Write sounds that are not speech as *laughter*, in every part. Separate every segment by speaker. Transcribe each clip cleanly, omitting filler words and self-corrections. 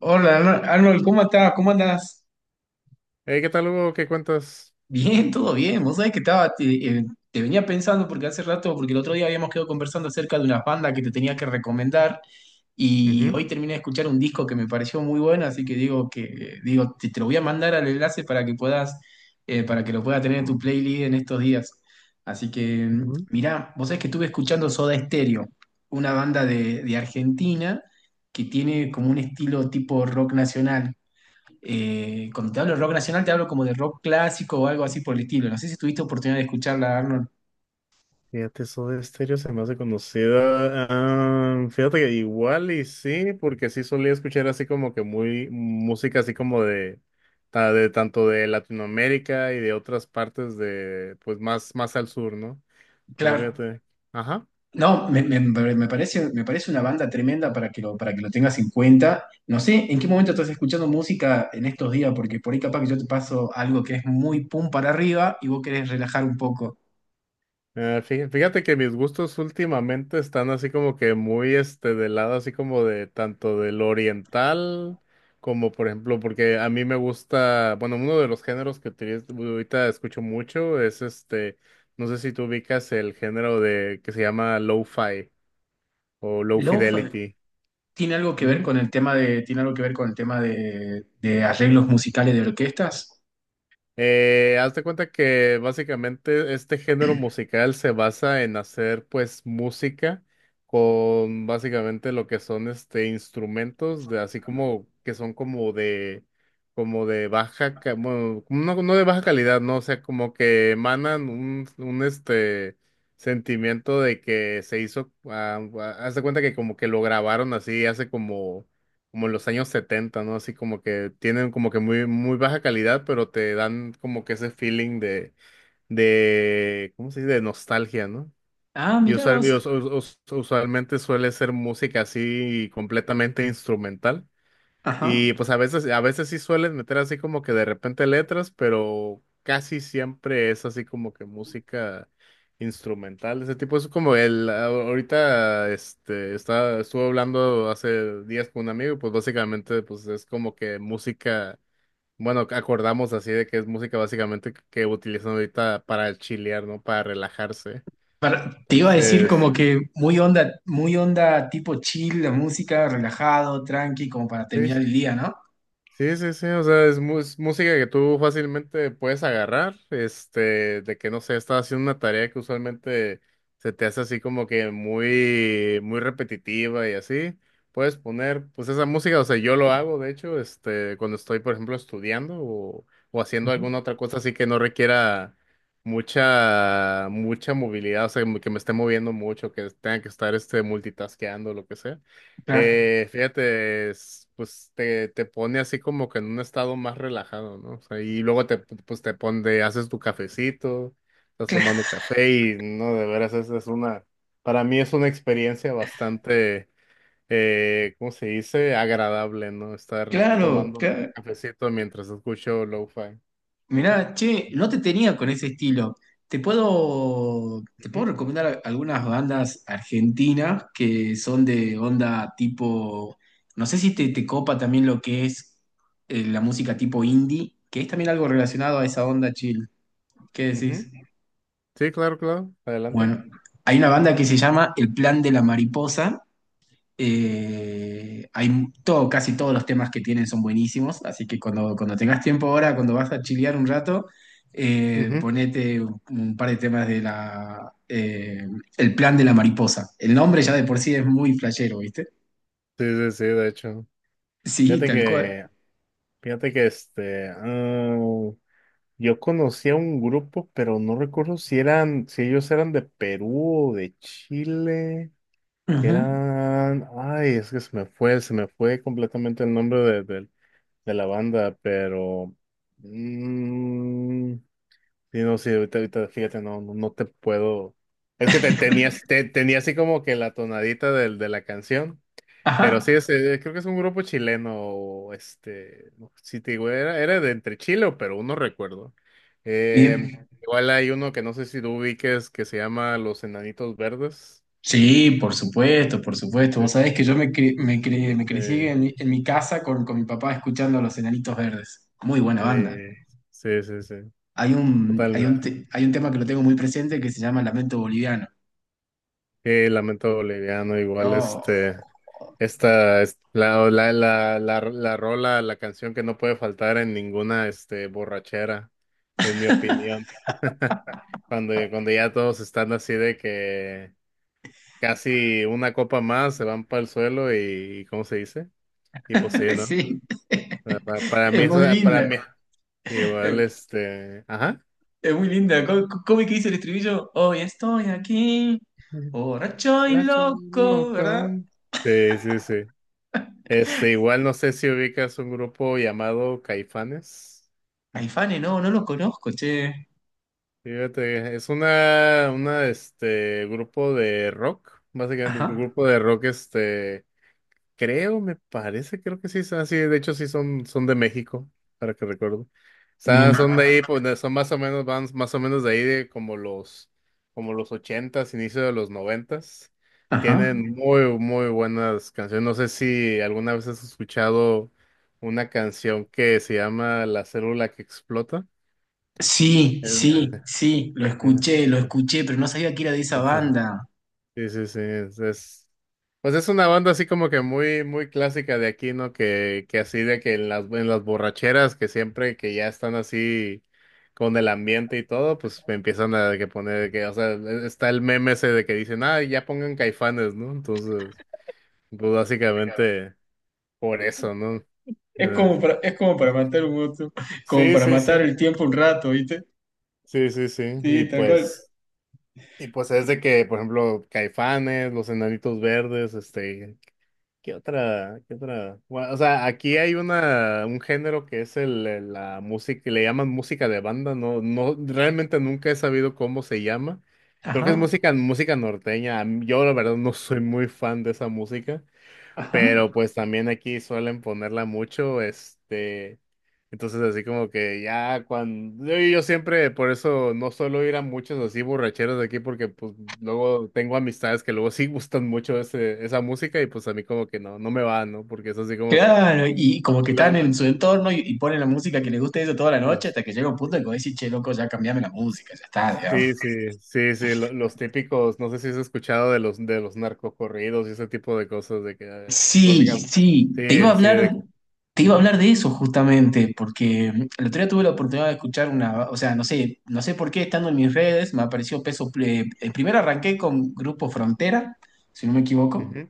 Speaker 1: Hola, Arnold, ¿cómo estás? ¿Cómo andás?
Speaker 2: Hey, ¿qué tal, Hugo? ¿Qué cuentas?
Speaker 1: Bien, todo bien. Vos sabés que eh, te venía pensando porque hace rato, porque el otro día habíamos quedado conversando acerca de una banda que te tenía que recomendar, y
Speaker 2: Ujú,
Speaker 1: hoy terminé de escuchar un disco que me pareció muy bueno, así que te lo voy a mandar al enlace para que para que lo puedas tener en tu playlist en estos días. Así que
Speaker 2: ujú.
Speaker 1: mirá, vos sabés que estuve escuchando Soda Stereo, una banda de Argentina que tiene como un estilo tipo rock nacional. Cuando te hablo de rock nacional, te hablo como de rock clásico o algo así por el estilo. No sé si tuviste oportunidad de escucharla, Arnold.
Speaker 2: Fíjate, Soda Stereo se me hace conocida. Ah, fíjate que igual y sí, porque sí solía escuchar así como que muy música así como de, de tanto de Latinoamérica y de otras partes de, pues más al sur, ¿no? Pero
Speaker 1: Claro.
Speaker 2: fíjate, ajá.
Speaker 1: No, me- Me parece, me parece una banda tremenda para para que lo tengas en cuenta. No sé en qué momento estás escuchando música en estos días, porque por ahí capaz que yo te paso algo que es muy pum para arriba y vos querés relajar un poco.
Speaker 2: Ah, fíjate que mis gustos últimamente están así como que muy del lado así como de tanto del oriental como por ejemplo porque a mí me gusta, bueno, uno de los géneros que ahorita escucho mucho es no sé si tú ubicas el género de que se llama lo-fi o low
Speaker 1: Lo-fi
Speaker 2: fidelity.
Speaker 1: tiene algo que ver con el tema tiene algo que ver con el tema de arreglos musicales de orquestas.
Speaker 2: Haz de cuenta que básicamente este género musical se basa en hacer pues música con básicamente lo que son instrumentos de así como que son como de baja bueno, no, no de baja calidad, no, o sea, como que emanan un sentimiento de que se hizo haz de cuenta que como que lo grabaron así hace como en los años 70, ¿no? Así como que tienen como que muy, muy baja calidad, pero te dan como que ese feeling de, ¿cómo se dice? De nostalgia, ¿no?
Speaker 1: Ah,
Speaker 2: Y
Speaker 1: mirá
Speaker 2: usual- y
Speaker 1: vos.
Speaker 2: us- us- us- usualmente suele ser música así completamente instrumental.
Speaker 1: Ajá.
Speaker 2: Y pues a veces sí suelen meter así como que de repente letras, pero casi siempre es así como que música instrumental. Ese tipo es como el, ahorita estuve hablando hace días con un amigo, y pues básicamente pues es como que música, bueno, acordamos así de que es música básicamente que utilizan ahorita para chilear, ¿no? Para relajarse.
Speaker 1: Te iba a decir como,
Speaker 2: Entonces.
Speaker 1: Que muy onda tipo chill, la música, relajado, tranqui, como para
Speaker 2: sí,
Speaker 1: terminar el día, ¿no?
Speaker 2: sí, sí, sí, o sea, es música que tú fácilmente puedes agarrar, este, de que no sé, estás haciendo una tarea que usualmente se te hace así como que muy, muy repetitiva y así, puedes poner, pues esa música, o sea, yo lo hago, de hecho, este, cuando estoy, por ejemplo, estudiando o haciendo alguna otra cosa así que no requiera mucha, mucha movilidad, o sea, que me esté moviendo mucho, que tenga que estar, este, multitaskeando, lo que sea.
Speaker 1: Claro,
Speaker 2: Fíjate, pues te pone así como que en un estado más relajado, ¿no? O sea, y luego te, pues te pone, haces tu cafecito, estás
Speaker 1: claro,
Speaker 2: tomando café y no, de veras, para mí es una experiencia bastante, ¿cómo se dice? Agradable, ¿no? Estar
Speaker 1: claro,
Speaker 2: tomando
Speaker 1: claro.
Speaker 2: cafecito mientras escucho lo-fi.
Speaker 1: Mirá, che, no te tenía con ese estilo. Te puedo
Speaker 2: Ujú,
Speaker 1: recomendar algunas bandas argentinas que son de onda tipo, no sé si te, te copa también lo que es la música tipo indie, que es también algo relacionado a esa onda chill. ¿Qué decís?
Speaker 2: ujú. Sí, claro, claro, adelante.
Speaker 1: Bueno, hay una banda que se llama El Plan de la Mariposa. Hay todo, casi todos los temas que tienen son buenísimos, así que cuando tengas tiempo ahora, cuando vas a chilear un rato,
Speaker 2: Ujú.
Speaker 1: ponete un par de temas de la El Plan de la Mariposa. El nombre ya de por sí es muy flashero, ¿viste?
Speaker 2: Sí, sí, sí, de hecho.
Speaker 1: Sí,
Speaker 2: Fíjate
Speaker 1: tal cual.
Speaker 2: que, fíjate que yo conocía un grupo, pero no recuerdo si eran, si ellos eran de Perú o de Chile, que
Speaker 1: Ujú.
Speaker 2: eran, ay, es que se me fue completamente el nombre de, de la banda, pero, mm, sí, no, sí, ahorita, fíjate, no, no, no te puedo, es que tenía así como que la tonadita de la canción, pero
Speaker 1: Ajá.
Speaker 2: sí, es, creo que es un grupo chileno, este, no, sí te digo, era de entre Chile o Perú, no recuerdo. Eh,
Speaker 1: Bien.
Speaker 2: igual hay uno que no sé si tú ubiques que se llama Los Enanitos Verdes.
Speaker 1: Sí, por supuesto, por supuesto. Vos
Speaker 2: Este,
Speaker 1: sabés que yo me, cre- me, cre- me crecí
Speaker 2: eh,
Speaker 1: en en mi casa con mi papá escuchando a los Enanitos Verdes. Muy buena banda.
Speaker 2: eh, sí, sí, sí, totalmente.
Speaker 1: Hay un tema que lo tengo muy presente que se llama Lamento Boliviano.
Speaker 2: Lamento Boliviano, igual
Speaker 1: Oh,
Speaker 2: es la rola, la canción que no puede faltar en ninguna, este, borrachera, en mi opinión. *laughs* Cuando ya todos están así de que casi una copa más se van para el suelo y, ¿cómo se dice? Y pues sí,
Speaker 1: *laughs*
Speaker 2: ¿no?
Speaker 1: sí,
Speaker 2: Para, para mí
Speaker 1: es
Speaker 2: eso,
Speaker 1: muy
Speaker 2: para
Speaker 1: linda.
Speaker 2: mí, igual ajá.
Speaker 1: Es muy linda. ¿¿ ¿Cómo es que dice el estribillo? Hoy estoy aquí, borracho y
Speaker 2: Nacho,
Speaker 1: loco, ¿verdad?
Speaker 2: loco. Sí, sí, sí. Igual no sé si ubicas un grupo llamado Caifanes.
Speaker 1: Aifane, no, no lo conozco, che.
Speaker 2: Fíjate, es una, grupo de rock, básicamente un
Speaker 1: Ajá,
Speaker 2: grupo de rock, creo, me parece, creo que sí, son así, de hecho sí son de México, para que recuerdo. O
Speaker 1: bien.
Speaker 2: sea, son de ahí, pues son más o menos, van más o menos de ahí de como los ochentas, inicio de los noventas.
Speaker 1: Ajá.
Speaker 2: Tienen muy, muy buenas canciones. No sé si alguna vez has escuchado una canción que se llama La célula que explota.
Speaker 1: Sí,
Speaker 2: Eh,
Speaker 1: sí, sí,
Speaker 2: eh,
Speaker 1: lo escuché, pero no sabía que era de esa
Speaker 2: eh.
Speaker 1: banda.
Speaker 2: Sí, sí, sí, pues es una banda así como que muy, muy clásica de aquí, ¿no? Que así de que en las borracheras, que siempre que ya están así con el ambiente y todo, pues me empiezan a que poner, que, o sea, está el meme ese de que dicen, ah, ya pongan Caifanes, ¿no? Entonces, pues básicamente por eso, ¿no? Entonces,
Speaker 1: Es como para matar un otro, como
Speaker 2: sí,
Speaker 1: para
Speaker 2: sí,
Speaker 1: matar
Speaker 2: sí,
Speaker 1: el tiempo un rato, ¿viste?
Speaker 2: sí, sí, sí, y
Speaker 1: Sí, tal cual.
Speaker 2: pues, y pues es de que, por ejemplo, Caifanes, Los Enanitos Verdes, este, ¿qué otra? ¿Qué otra? Bueno, o sea, aquí hay una, un género que es la música, que le llaman música de banda, no, no, realmente nunca he sabido cómo se llama. Creo que es
Speaker 1: Ajá,
Speaker 2: música, música norteña. Yo la verdad no soy muy fan de esa música,
Speaker 1: ajá.
Speaker 2: pero pues también aquí suelen ponerla mucho, este, entonces así como que ya cuando, yo siempre por eso no suelo ir a muchos así borracheros de aquí porque pues luego tengo amistades que luego sí gustan mucho esa música y pues a mí como que no, no me va, ¿no? Porque es así como que
Speaker 1: Claro, y como que
Speaker 2: lo,
Speaker 1: están
Speaker 2: lo,
Speaker 1: en su entorno y ponen la música que les gusta eso toda la noche
Speaker 2: es-
Speaker 1: hasta que llega un punto en que vos decís, che, loco, ya cambiame la música, ya está.
Speaker 2: sí, sí, sí, sí, los típicos, no sé si has escuchado de los narcocorridos y ese tipo de cosas de que
Speaker 1: Sí,
Speaker 2: básicamente
Speaker 1: sí,
Speaker 2: sí, sí, de
Speaker 1: te iba a
Speaker 2: ujú,
Speaker 1: hablar de eso justamente, porque el otro día tuve la oportunidad de escuchar una, o sea, no sé, no sé por qué estando en mis redes me apareció primero arranqué con Grupo Frontera, si no me equivoco,
Speaker 2: ujú.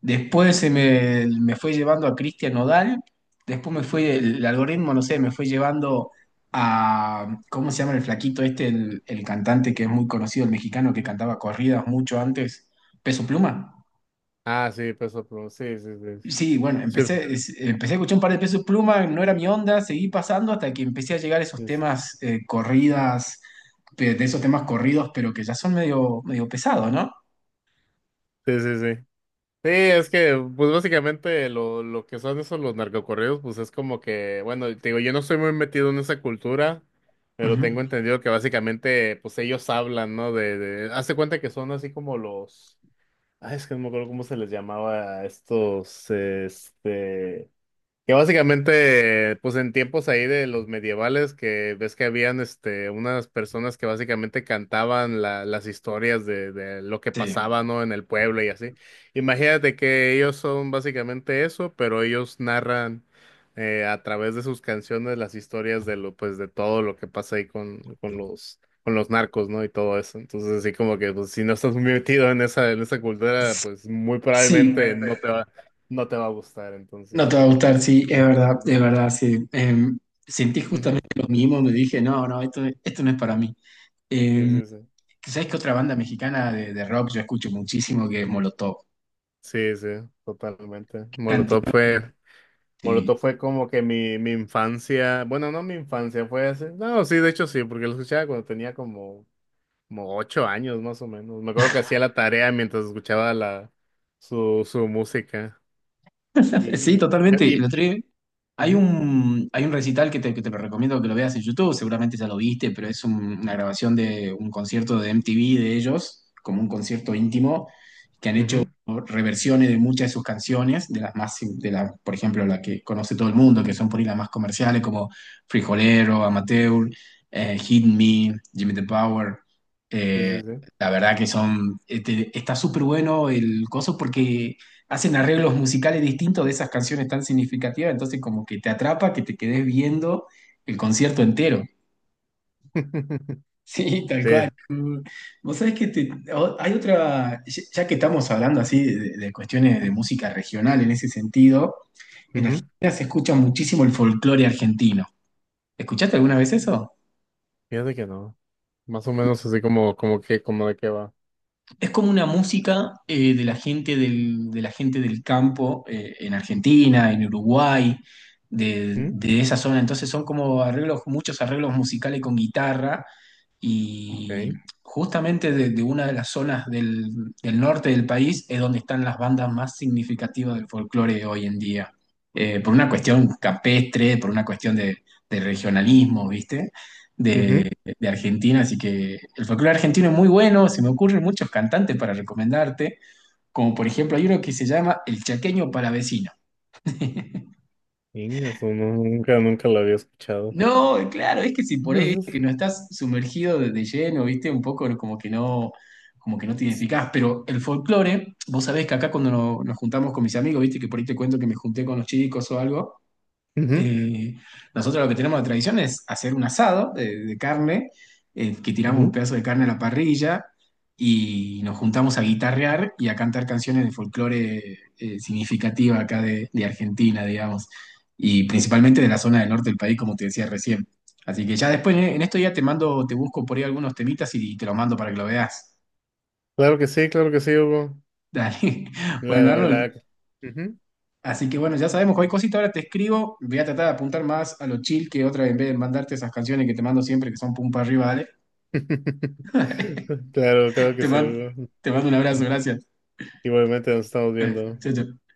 Speaker 1: después me fue llevando a Cristian Nodal, después me fue, el algoritmo, no sé, me fue llevando a, ¿cómo se llama el flaquito este, el cantante que es muy conocido, el mexicano que cantaba corridas mucho antes, Peso Pluma?
Speaker 2: Ah, sí, Peso Pluma. Sí, sí, sí.
Speaker 1: Sí, bueno,
Speaker 2: Sí, sí,
Speaker 1: empecé a escuchar un par de pesos Pluma, no era mi onda, seguí pasando hasta que empecé a llegar a esos
Speaker 2: pues,
Speaker 1: temas corridas, de esos temas corridos, pero que ya son medio, medio pesados, ¿no?
Speaker 2: sí, sí. Sí, sí, es que, pues básicamente lo que son esos los narcocorridos, pues es como que, bueno, te digo, yo no estoy muy metido en esa cultura, pero
Speaker 1: Ujú.
Speaker 2: tengo entendido que básicamente, pues ellos hablan, ¿no? De, hazte cuenta que son así como los, ay, es que no me acuerdo cómo se les llamaba a estos, este, que básicamente, pues en tiempos ahí de los medievales, que ves que habían este, unas personas que básicamente cantaban las historias de lo que
Speaker 1: Sí.
Speaker 2: pasaba, ¿no? En el pueblo y así. Imagínate que ellos son básicamente eso, pero ellos narran a través de sus canciones las historias de lo, pues, de todo lo que pasa ahí con los narcos, ¿no? Y todo eso. Entonces, así como que, pues, si no estás muy metido en esa cultura,
Speaker 1: S-
Speaker 2: pues muy
Speaker 1: Sí,
Speaker 2: probablemente no te va, no te va a gustar,
Speaker 1: no te
Speaker 2: entonces.
Speaker 1: va a gustar, sí, es verdad, sí. Sentí
Speaker 2: Ujú.
Speaker 1: justamente lo mismo, me dije, no, no, esto no es para mí.
Speaker 2: Sí,
Speaker 1: Em,
Speaker 2: sí, sí.
Speaker 1: ¿Sabes qué otra banda mexicana de rock yo escucho muchísimo que es Molotov?
Speaker 2: Sí, sí, totalmente. Molotov
Speaker 1: Cantidad,
Speaker 2: fue,
Speaker 1: sí.
Speaker 2: Molotov fue como que mi infancia, bueno, no mi infancia, fue así. No, sí, de hecho sí, porque lo escuchaba cuando tenía como 8 años más o menos. Me acuerdo que hacía la tarea mientras escuchaba su música.
Speaker 1: *laughs*
Speaker 2: Y, y,
Speaker 1: Sí,
Speaker 2: me- y, me-
Speaker 1: totalmente. El
Speaker 2: y-
Speaker 1: otro día
Speaker 2: ujú,
Speaker 1: hay un recital que te lo recomiendo que lo veas en YouTube, seguramente ya lo viste, pero es una grabación de un concierto de MTV de ellos, como un concierto íntimo, que han hecho
Speaker 2: ujú.
Speaker 1: reversiones de muchas de sus canciones, de las más, de la, por ejemplo, la que conoce todo el mundo, que son por ahí las más comerciales, como Frijolero, Amateur, Hit Me, Jimmy the Power.
Speaker 2: Sí,
Speaker 1: eh,
Speaker 2: sí, sí.
Speaker 1: la verdad que son, este, está súper bueno el coso porque hacen arreglos musicales distintos de esas canciones tan significativas, entonces como que te atrapa que te quedes viendo el concierto entero. *laughs*
Speaker 2: *laughs*
Speaker 1: Sí, tal cual.
Speaker 2: Sí,
Speaker 1: Vos sabés que hay otra, ya que estamos hablando así de cuestiones de música regional en ese sentido, en
Speaker 2: ujú.
Speaker 1: Argentina se escucha muchísimo el folclore argentino. ¿Escuchaste alguna vez eso?
Speaker 2: Fíjate que no. Más o menos así como, como que, como de qué va.
Speaker 1: Es como una música de la gente de la gente del campo en Argentina, en Uruguay,
Speaker 2: ¿Mm?
Speaker 1: de esa zona. Entonces son como arreglos, muchos arreglos musicales con guitarra y
Speaker 2: Okay.
Speaker 1: justamente de una de las zonas del norte del país es donde están las bandas más significativas del folclore hoy en día. Por una cuestión capestre, por una cuestión de regionalismo, ¿viste?
Speaker 2: Ujú.
Speaker 1: De Argentina, así que el folclore argentino es muy bueno, se me ocurren muchos cantantes para recomendarte, como por ejemplo hay uno que se llama El Chaqueño Palavecino. *laughs*
Speaker 2: Venga, eso nunca, nunca lo había escuchado.
Speaker 1: No, claro, es que si por ahí
Speaker 2: Ujú,
Speaker 1: viste, que no estás sumergido de lleno, viste, un poco como que no te identificás, pero el folclore, vos sabés que acá cuando nos juntamos con mis amigos, viste, que por ahí te cuento que me junté con los chicos o algo.
Speaker 2: ujú.
Speaker 1: Eh, Nosotros lo que tenemos de tradición es hacer un asado de carne, que tiramos un
Speaker 2: Ujú.
Speaker 1: pedazo de carne a la parrilla y nos juntamos a guitarrear y a cantar canciones de folclore significativa acá de Argentina, digamos, y principalmente de la zona del norte del país, como te decía recién. Así que ya después, en esto ya te mando, te busco por ahí algunos temitas y te los mando para que lo veas.
Speaker 2: Claro que sí, Hugo.
Speaker 1: *laughs* Dale.
Speaker 2: La,
Speaker 1: Bueno, Arnold,
Speaker 2: ujú.
Speaker 1: así que bueno, ya sabemos, cualquier cosita ahora te escribo, voy a tratar de apuntar más a lo chill que otra vez en vez de mandarte esas canciones que te mando siempre que son pum para arriba, dale.
Speaker 2: *laughs*
Speaker 1: *laughs*
Speaker 2: Claro, claro que
Speaker 1: Te
Speaker 2: sí,
Speaker 1: mando,
Speaker 2: Hugo.
Speaker 1: te mando un abrazo, gracias.
Speaker 2: Igualmente nos estamos
Speaker 1: Eh,
Speaker 2: viendo.
Speaker 1: Chau, chau.